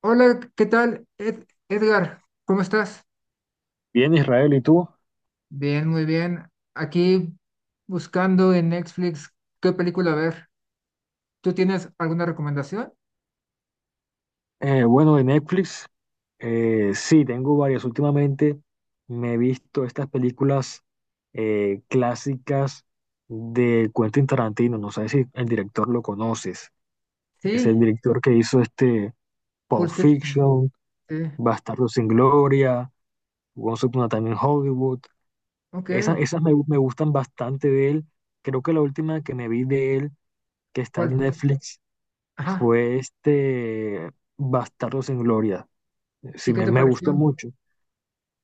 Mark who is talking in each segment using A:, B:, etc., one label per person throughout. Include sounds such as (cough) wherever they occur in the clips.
A: Hola, ¿qué tal? Edgar, ¿cómo estás?
B: Bien, Israel, ¿y tú?
A: Bien, muy bien. Aquí buscando en Netflix qué película ver. ¿Tú tienes alguna recomendación?
B: Bueno, de Netflix, sí, tengo varias. Últimamente me he visto estas películas clásicas de Quentin Tarantino. No sé si el director lo conoces. Es el
A: Sí,
B: director que hizo
A: Pulp
B: Pulp
A: Fiction.
B: Fiction,
A: Sí,
B: Bastardos sin Gloria, Once Upon a Time in Hollywood.
A: ok.
B: Esas me gustan bastante de él. Creo que la última que me vi de él, que está
A: ¿Cuál
B: en
A: fue?
B: Netflix,
A: Ajá.
B: fue Bastardos sin Gloria.
A: ¿Y
B: Sí,
A: qué
B: me,
A: te
B: me gustó
A: pareció?
B: mucho.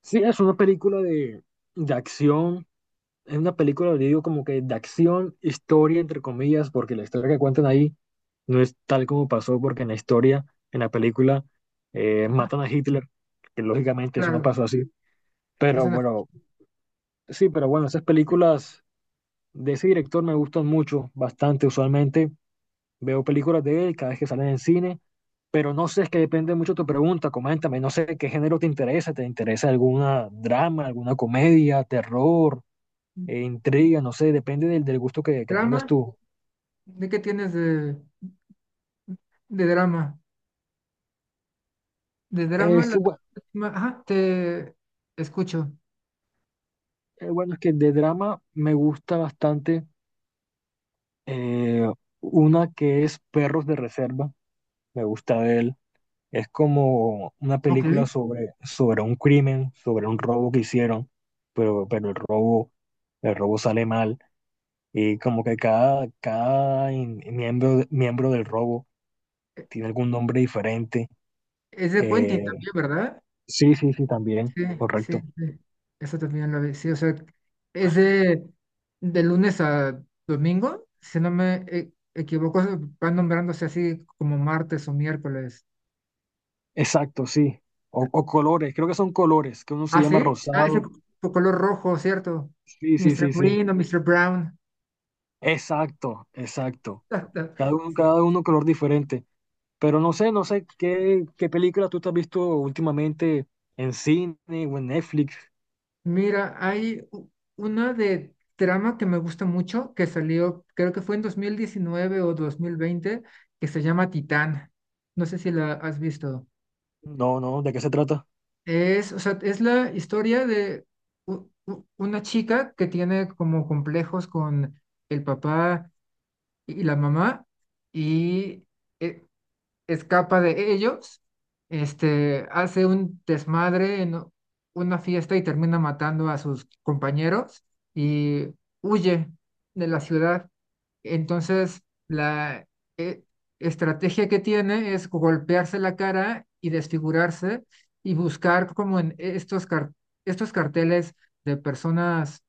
B: Sí, es una película de acción. Es una película, le digo, como que de acción, historia, entre comillas, porque la historia que cuentan ahí no es tal como pasó, porque en la historia, en la película, matan a Hitler, que lógicamente eso no
A: Claro,
B: pasó así.
A: es
B: Pero
A: una
B: bueno, sí, pero bueno, esas películas de ese director me gustan mucho, bastante usualmente. Veo películas de él cada vez que salen en cine, pero no sé, es que depende mucho de tu pregunta. Coméntame, no sé qué género te interesa. ¿Te interesa alguna drama, alguna comedia, terror, intriga? No sé, depende del, del gusto que tengas
A: drama.
B: tú.
A: ¿De qué tienes de drama? De
B: Eh,
A: drama,
B: es que,
A: la
B: bueno,
A: última. Ajá, te escucho.
B: bueno, es que de drama me gusta bastante eh, una que es Perros de Reserva. Me gusta de él. Es como una
A: Ok.
B: película sobre, sobre un crimen, sobre un robo que hicieron, pero el robo sale mal. Y como que cada miembro del robo tiene algún nombre diferente.
A: Es de Quentin
B: Eh,
A: también, ¿verdad?
B: sí, sí, sí, también,
A: Sí, sí,
B: correcto.
A: sí. Eso también lo vi. Sí, o sea, es de lunes a domingo, si no me equivoco, se van nombrándose así como martes o miércoles.
B: Exacto, sí. O colores, creo que son colores, que uno se
A: Ah,
B: llama
A: sí. Ah, ese
B: rosado.
A: co- co- color rojo, ¿cierto?
B: Sí, sí,
A: Mr.
B: sí, sí.
A: Green o Mr. Brown.
B: Exacto, exacto. Cada
A: (laughs)
B: uno, cada uno color diferente. Pero no sé qué película tú te has visto últimamente en cine o en Netflix.
A: Mira, una de trama que me gusta mucho que salió, creo que fue en 2019 o 2020, que se llama Titán. No sé si la has visto.
B: No, no, ¿de qué se trata?
A: Es, o sea, es la historia de una chica que tiene como complejos con el papá y la mamá y eh, escapa de ellos, este, hace un desmadre en una fiesta y termina matando a sus compañeros y huye de la ciudad. Entonces, la eh, estrategia que tiene es golpearse la cara y desfigurarse y buscar como en estos carteles de personas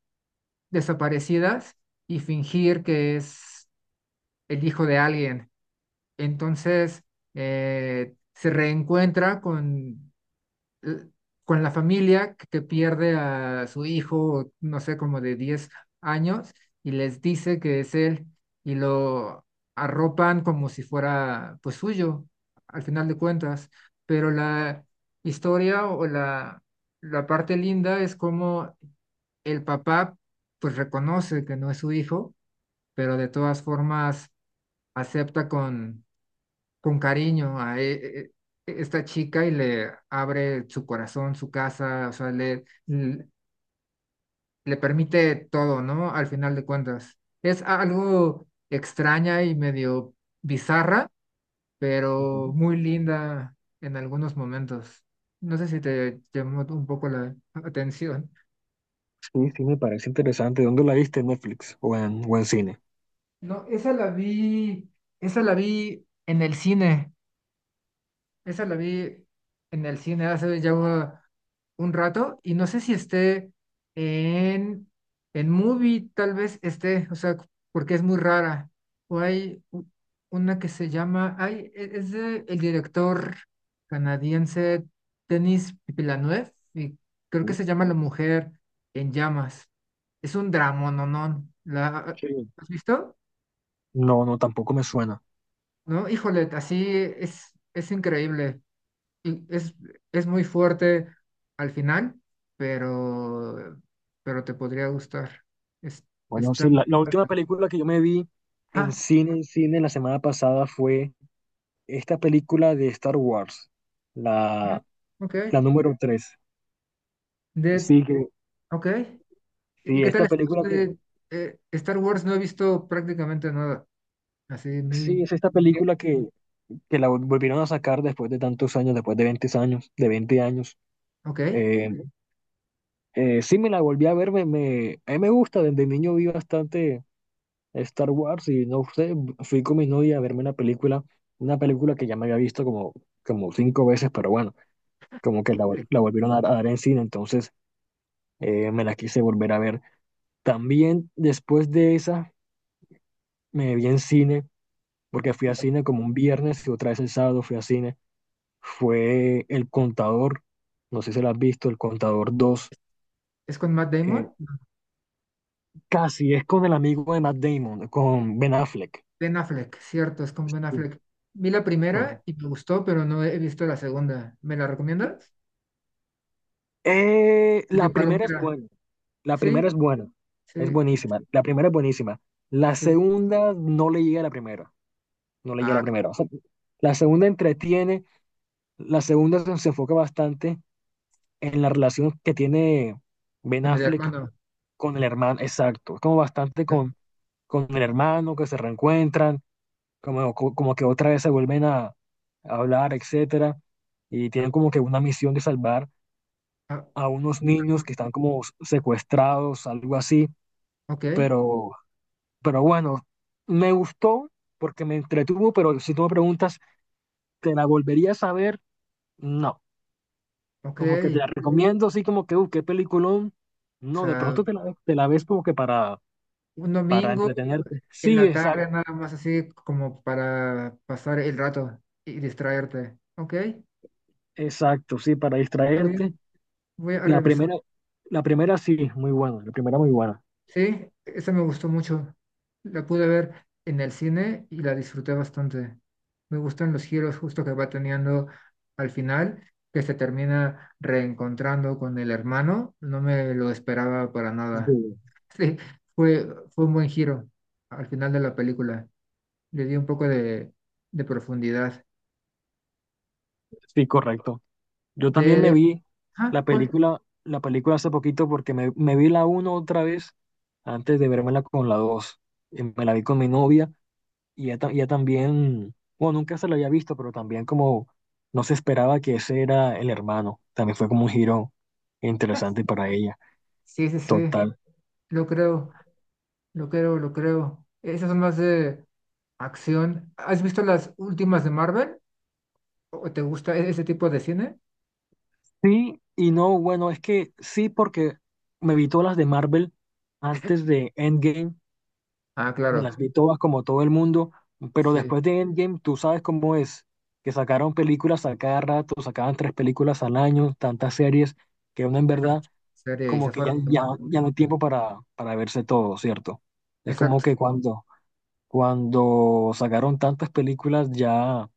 A: desaparecidas y fingir que es el hijo de alguien. Entonces, se reencuentra con, eh, con la familia que pierde a su hijo, no sé, como de 10 años, y les dice que es él, y lo arropan como si fuera pues suyo, al final de cuentas. Pero la historia o la parte linda es como el papá pues reconoce que no es su hijo, pero de todas formas acepta con cariño a esta chica y le abre su corazón, su casa, o sea, le permite todo, ¿no? Al final de cuentas. Es algo extraña y medio bizarra, pero
B: Ujú.
A: muy linda en algunos momentos. No sé si te llamó un poco la atención.
B: Sí, sí, me parece interesante. ¿Dónde la viste? ¿En Netflix o o en cine?
A: No, esa la vi en el cine. Esa la vi en el cine hace ya un rato y no sé si esté en, en Movie, tal vez esté, o sea, porque es muy rara. O una que se llama, ay, es de el director canadiense Denis Villeneuve y creo que
B: Uy.
A: se llama La Mujer en Llamas. Es un drama, no, no. ¿La has visto?
B: No, no, tampoco me suena.
A: No, híjole, así es increíble y es muy fuerte al final, pero, pero te podría gustar. Es-
B: Bueno,
A: Está
B: sí, la,
A: muy...
B: la última película que yo me vi en
A: Ah,
B: cine, en cine, la semana pasada fue esta película de Star Wars,
A: mm,
B: la,
A: ok.
B: la número 3.
A: Dead,
B: Sí,
A: ok. ¿Y
B: sí,
A: qué tal
B: esta película
A: Star Wars no he visto prácticamente nada. Así
B: sí,
A: muy...
B: es esta
A: muy...
B: película que la volvieron a sacar después de tantos años, después de veinte años.
A: Ok.
B: Eh, sí, me la volví a ver, a mí me gusta, desde niño vi bastante Star Wars y no sé, fui con mi novia a verme una película que ya me había visto como cinco veces, pero bueno, como que la, vol-
A: Vale.
B: la volvieron a dar en cine, entonces me la quise volver a ver. También después de esa me vi en cine, porque fui a cine como un viernes y otra vez el sábado fui a cine, fue El Contador, no sé si la has visto, El Contador 2.
A: ¿Es con Matt
B: eh,
A: Damon?
B: Casi es con el amigo de Matt Damon, con Ben Affleck.
A: Ben Affleck, cierto, es con Ben
B: Sí,
A: Affleck. Vi la primera
B: correcto.
A: y me gustó, pero no he visto la segunda. ¿Me la recomiendas? Es de
B: La primera es
A: Palomera.
B: buena. La primera
A: Sí,
B: es buena, es
A: sí,
B: buenísima. La primera es buenísima. La
A: sí.
B: segunda no le llega a la primera, no le llega a
A: Ah,
B: la primera. O sea, la segunda entretiene, la segunda se enfoca bastante en la relación que tiene Ben
A: con el
B: Affleck
A: hermano.
B: con el hermano, exacto, como bastante
A: Eh,
B: con el hermano que se reencuentran, como que otra vez se vuelven a hablar, etcétera, y tienen como que una misión de salvar
A: ah,
B: a unos niños que están como secuestrados, algo así,
A: ok,
B: pero Pero bueno, me gustó porque me entretuvo, pero si tú me preguntas, ¿te la volverías a ver? No.
A: ok.
B: Como que te la recomiendo, así como que, qué peliculón.
A: O
B: No, de
A: sea,
B: pronto te la ves como que
A: un
B: para
A: domingo
B: entretenerte.
A: en
B: Sí,
A: la tarde
B: exacto,
A: nada más así como para pasar el rato y distraerte. Ok, está
B: exacto, sí, para
A: bien,
B: distraerte.
A: voy a
B: La
A: revisar.
B: primera, la primera sí, muy buena, la primera muy buena.
A: Sí, esa me gustó mucho. La pude ver en el cine y la disfruté bastante. Me gustan los giros justo que va teniendo al final, que se termina reencontrando con el hermano. No me lo esperaba para
B: Sí,
A: nada. Sí, fue un buen giro al final de la película. Le dio un poco de profundidad.
B: sí, correcto. Yo también me
A: De,
B: vi
A: ah,
B: la
A: Paul.
B: película, la película hace poquito porque me vi la uno otra vez antes de vermela con la dos. Y me la vi con mi novia. Y ya también, bueno, nunca se lo había visto, pero también como no se esperaba que ese era el hermano. También fue como un giro interesante para ella.
A: Sí, sí, sí.
B: Total.
A: Lo creo, lo creo, lo creo. Esas son más de acción. ¿Has visto las últimas de Marvel? ¿O te gusta ese tipo de cine?
B: Sí, y no, bueno, es que sí, porque me vi todas las de Marvel antes de Endgame,
A: Ah,
B: me las
A: claro.
B: vi todas como todo el mundo, pero
A: Sí.
B: después de Endgame, tú sabes cómo es, que sacaron películas a cada rato, sacaban tres películas al año, tantas series, que uno en
A: Era
B: verdad
A: mucha serie y
B: como
A: se
B: que
A: fueron
B: ya, ya,
A: quemando.
B: ya no hay tiempo para verse todo, ¿cierto? Es como
A: Exacto.
B: que cuando sacaron tantas películas, ya,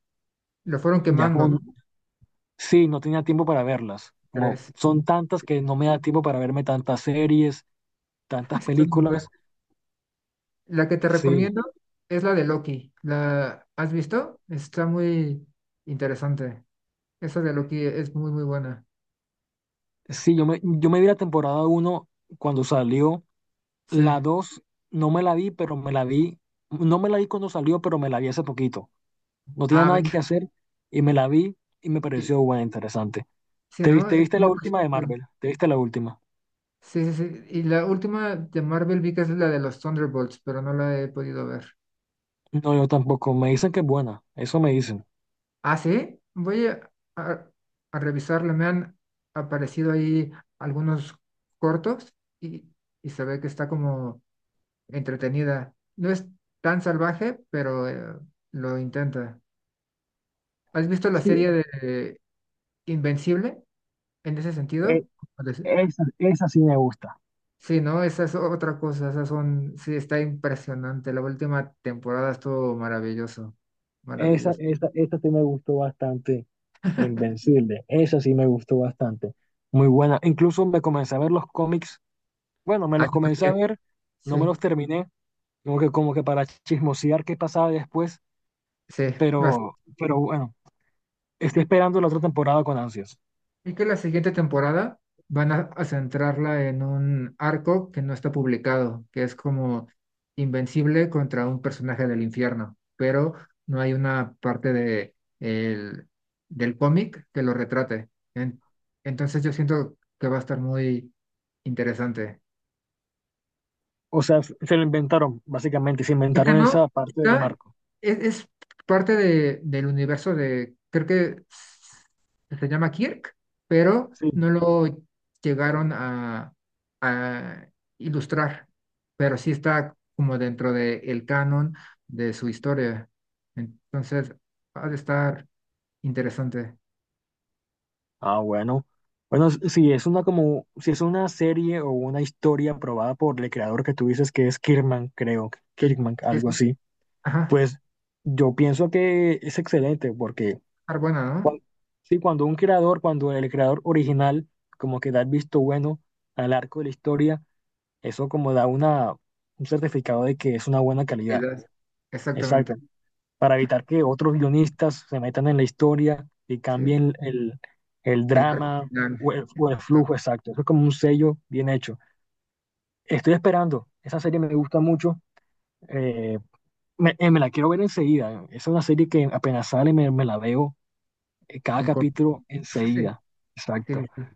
A: Lo fueron
B: ya
A: quemando, ¿no?
B: como, sí, no tenía tiempo para verlas. Como
A: Tres.
B: son tantas que no me da tiempo para verme tantas series, tantas
A: (laughs) Son buenos.
B: películas.
A: La que te
B: Sí,
A: recomiendo es la de Loki. ¿La has visto? Está muy interesante. Esa de Loki es muy, muy buena. Es-
B: sí, yo me vi la temporada uno cuando salió.
A: sí.
B: La 2 no me la vi, pero me la vi. No me la vi cuando salió, pero me la vi hace poquito. No tenía
A: Ah,
B: nada
A: venga.
B: que hacer y me la vi y me
A: Y
B: pareció buena, interesante.
A: sí,
B: ¿Te viste,
A: ¿no?
B: te
A: Es
B: viste la
A: muy
B: última de
A: reciente.
B: Marvel? ¿Te viste la última?
A: Sí, sí, sí. Y la última de Marvel vi que es la de los Thunderbolts, pero no la he podido ver.
B: No, yo tampoco. Me dicen que es buena. Eso me dicen.
A: Ah, sí. Voy a, a revisarla. Me han aparecido ahí algunos cortos y, y se ve que está como entretenida. No es tan salvaje, pero lo intenta. ¿Has visto la
B: Sí,
A: serie de Invencible en ese
B: e-
A: sentido? Pues,
B: esa sí me gusta.
A: sí, no, esa es otra cosa, esas son, sí, está impresionante. La última temporada estuvo maravilloso,
B: Esa,
A: maravilloso.
B: esa, esa sí me gustó bastante. Invencible. Esa sí me gustó bastante. Muy buena. Incluso me comencé a ver los cómics. Bueno, me
A: Ah,
B: los
A: yo
B: comencé a
A: también.
B: ver.
A: Sí,
B: No me los terminé. Como que para chismosear qué pasaba después.
A: sí,
B: Pero, bueno, estoy esperando la otra temporada con ansias.
A: y que la siguiente temporada van a centrarla en un arco que no está publicado, que es como Invencible contra un personaje del infierno, pero no hay una parte del cómic que lo retrate. Entonces yo siento que va a estar muy interesante.
B: O sea, se lo inventaron, básicamente. Se
A: Esta
B: inventaron
A: no,
B: esa parte del
A: esta
B: marco.
A: es parte de, del universo de, creo que se llama Kirk, pero
B: Sí.
A: no lo llegaron a ilustrar, pero sí está como dentro del canon de su historia. Entonces, ha de estar interesante.
B: Ah, bueno. Bueno, si es una como, si es una serie o una historia aprobada por el creador que tú dices que es Kirkman, creo,
A: Sí,
B: Kirkman,
A: sí,
B: algo
A: sí.
B: así,
A: Ajá,
B: pues yo pienso que es excelente porque
A: estar buena, ¿no?
B: sí, cuando un creador, cuando el creador original como que da el visto bueno al arco de la historia, eso como da una, un certificado de que es una buena calidad.
A: Seguridad. Exactamente.
B: Exacto. Para evitar que otros guionistas se metan en la historia y
A: Sí.
B: cambien el
A: El arco
B: drama o
A: final.
B: o el
A: Está
B: flujo exacto. Eso es como un sello bien hecho. Estoy esperando, esa serie me gusta mucho, eh, me la quiero ver enseguida. Es una serie que apenas sale me la veo cada
A: en...
B: capítulo
A: (laughs) sí,
B: enseguida.
A: sí,
B: Exacto.
A: sí.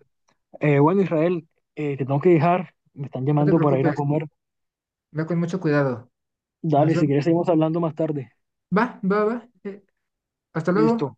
B: Bueno, Israel, te tengo que dejar, me están
A: No te
B: llamando para ir a
A: preocupes.
B: comer.
A: Ve con mucho cuidado.
B: Dale,
A: Nos
B: si
A: vemos.
B: quieres seguimos hablando más tarde.
A: Va, va, va. Hasta luego.
B: Listo.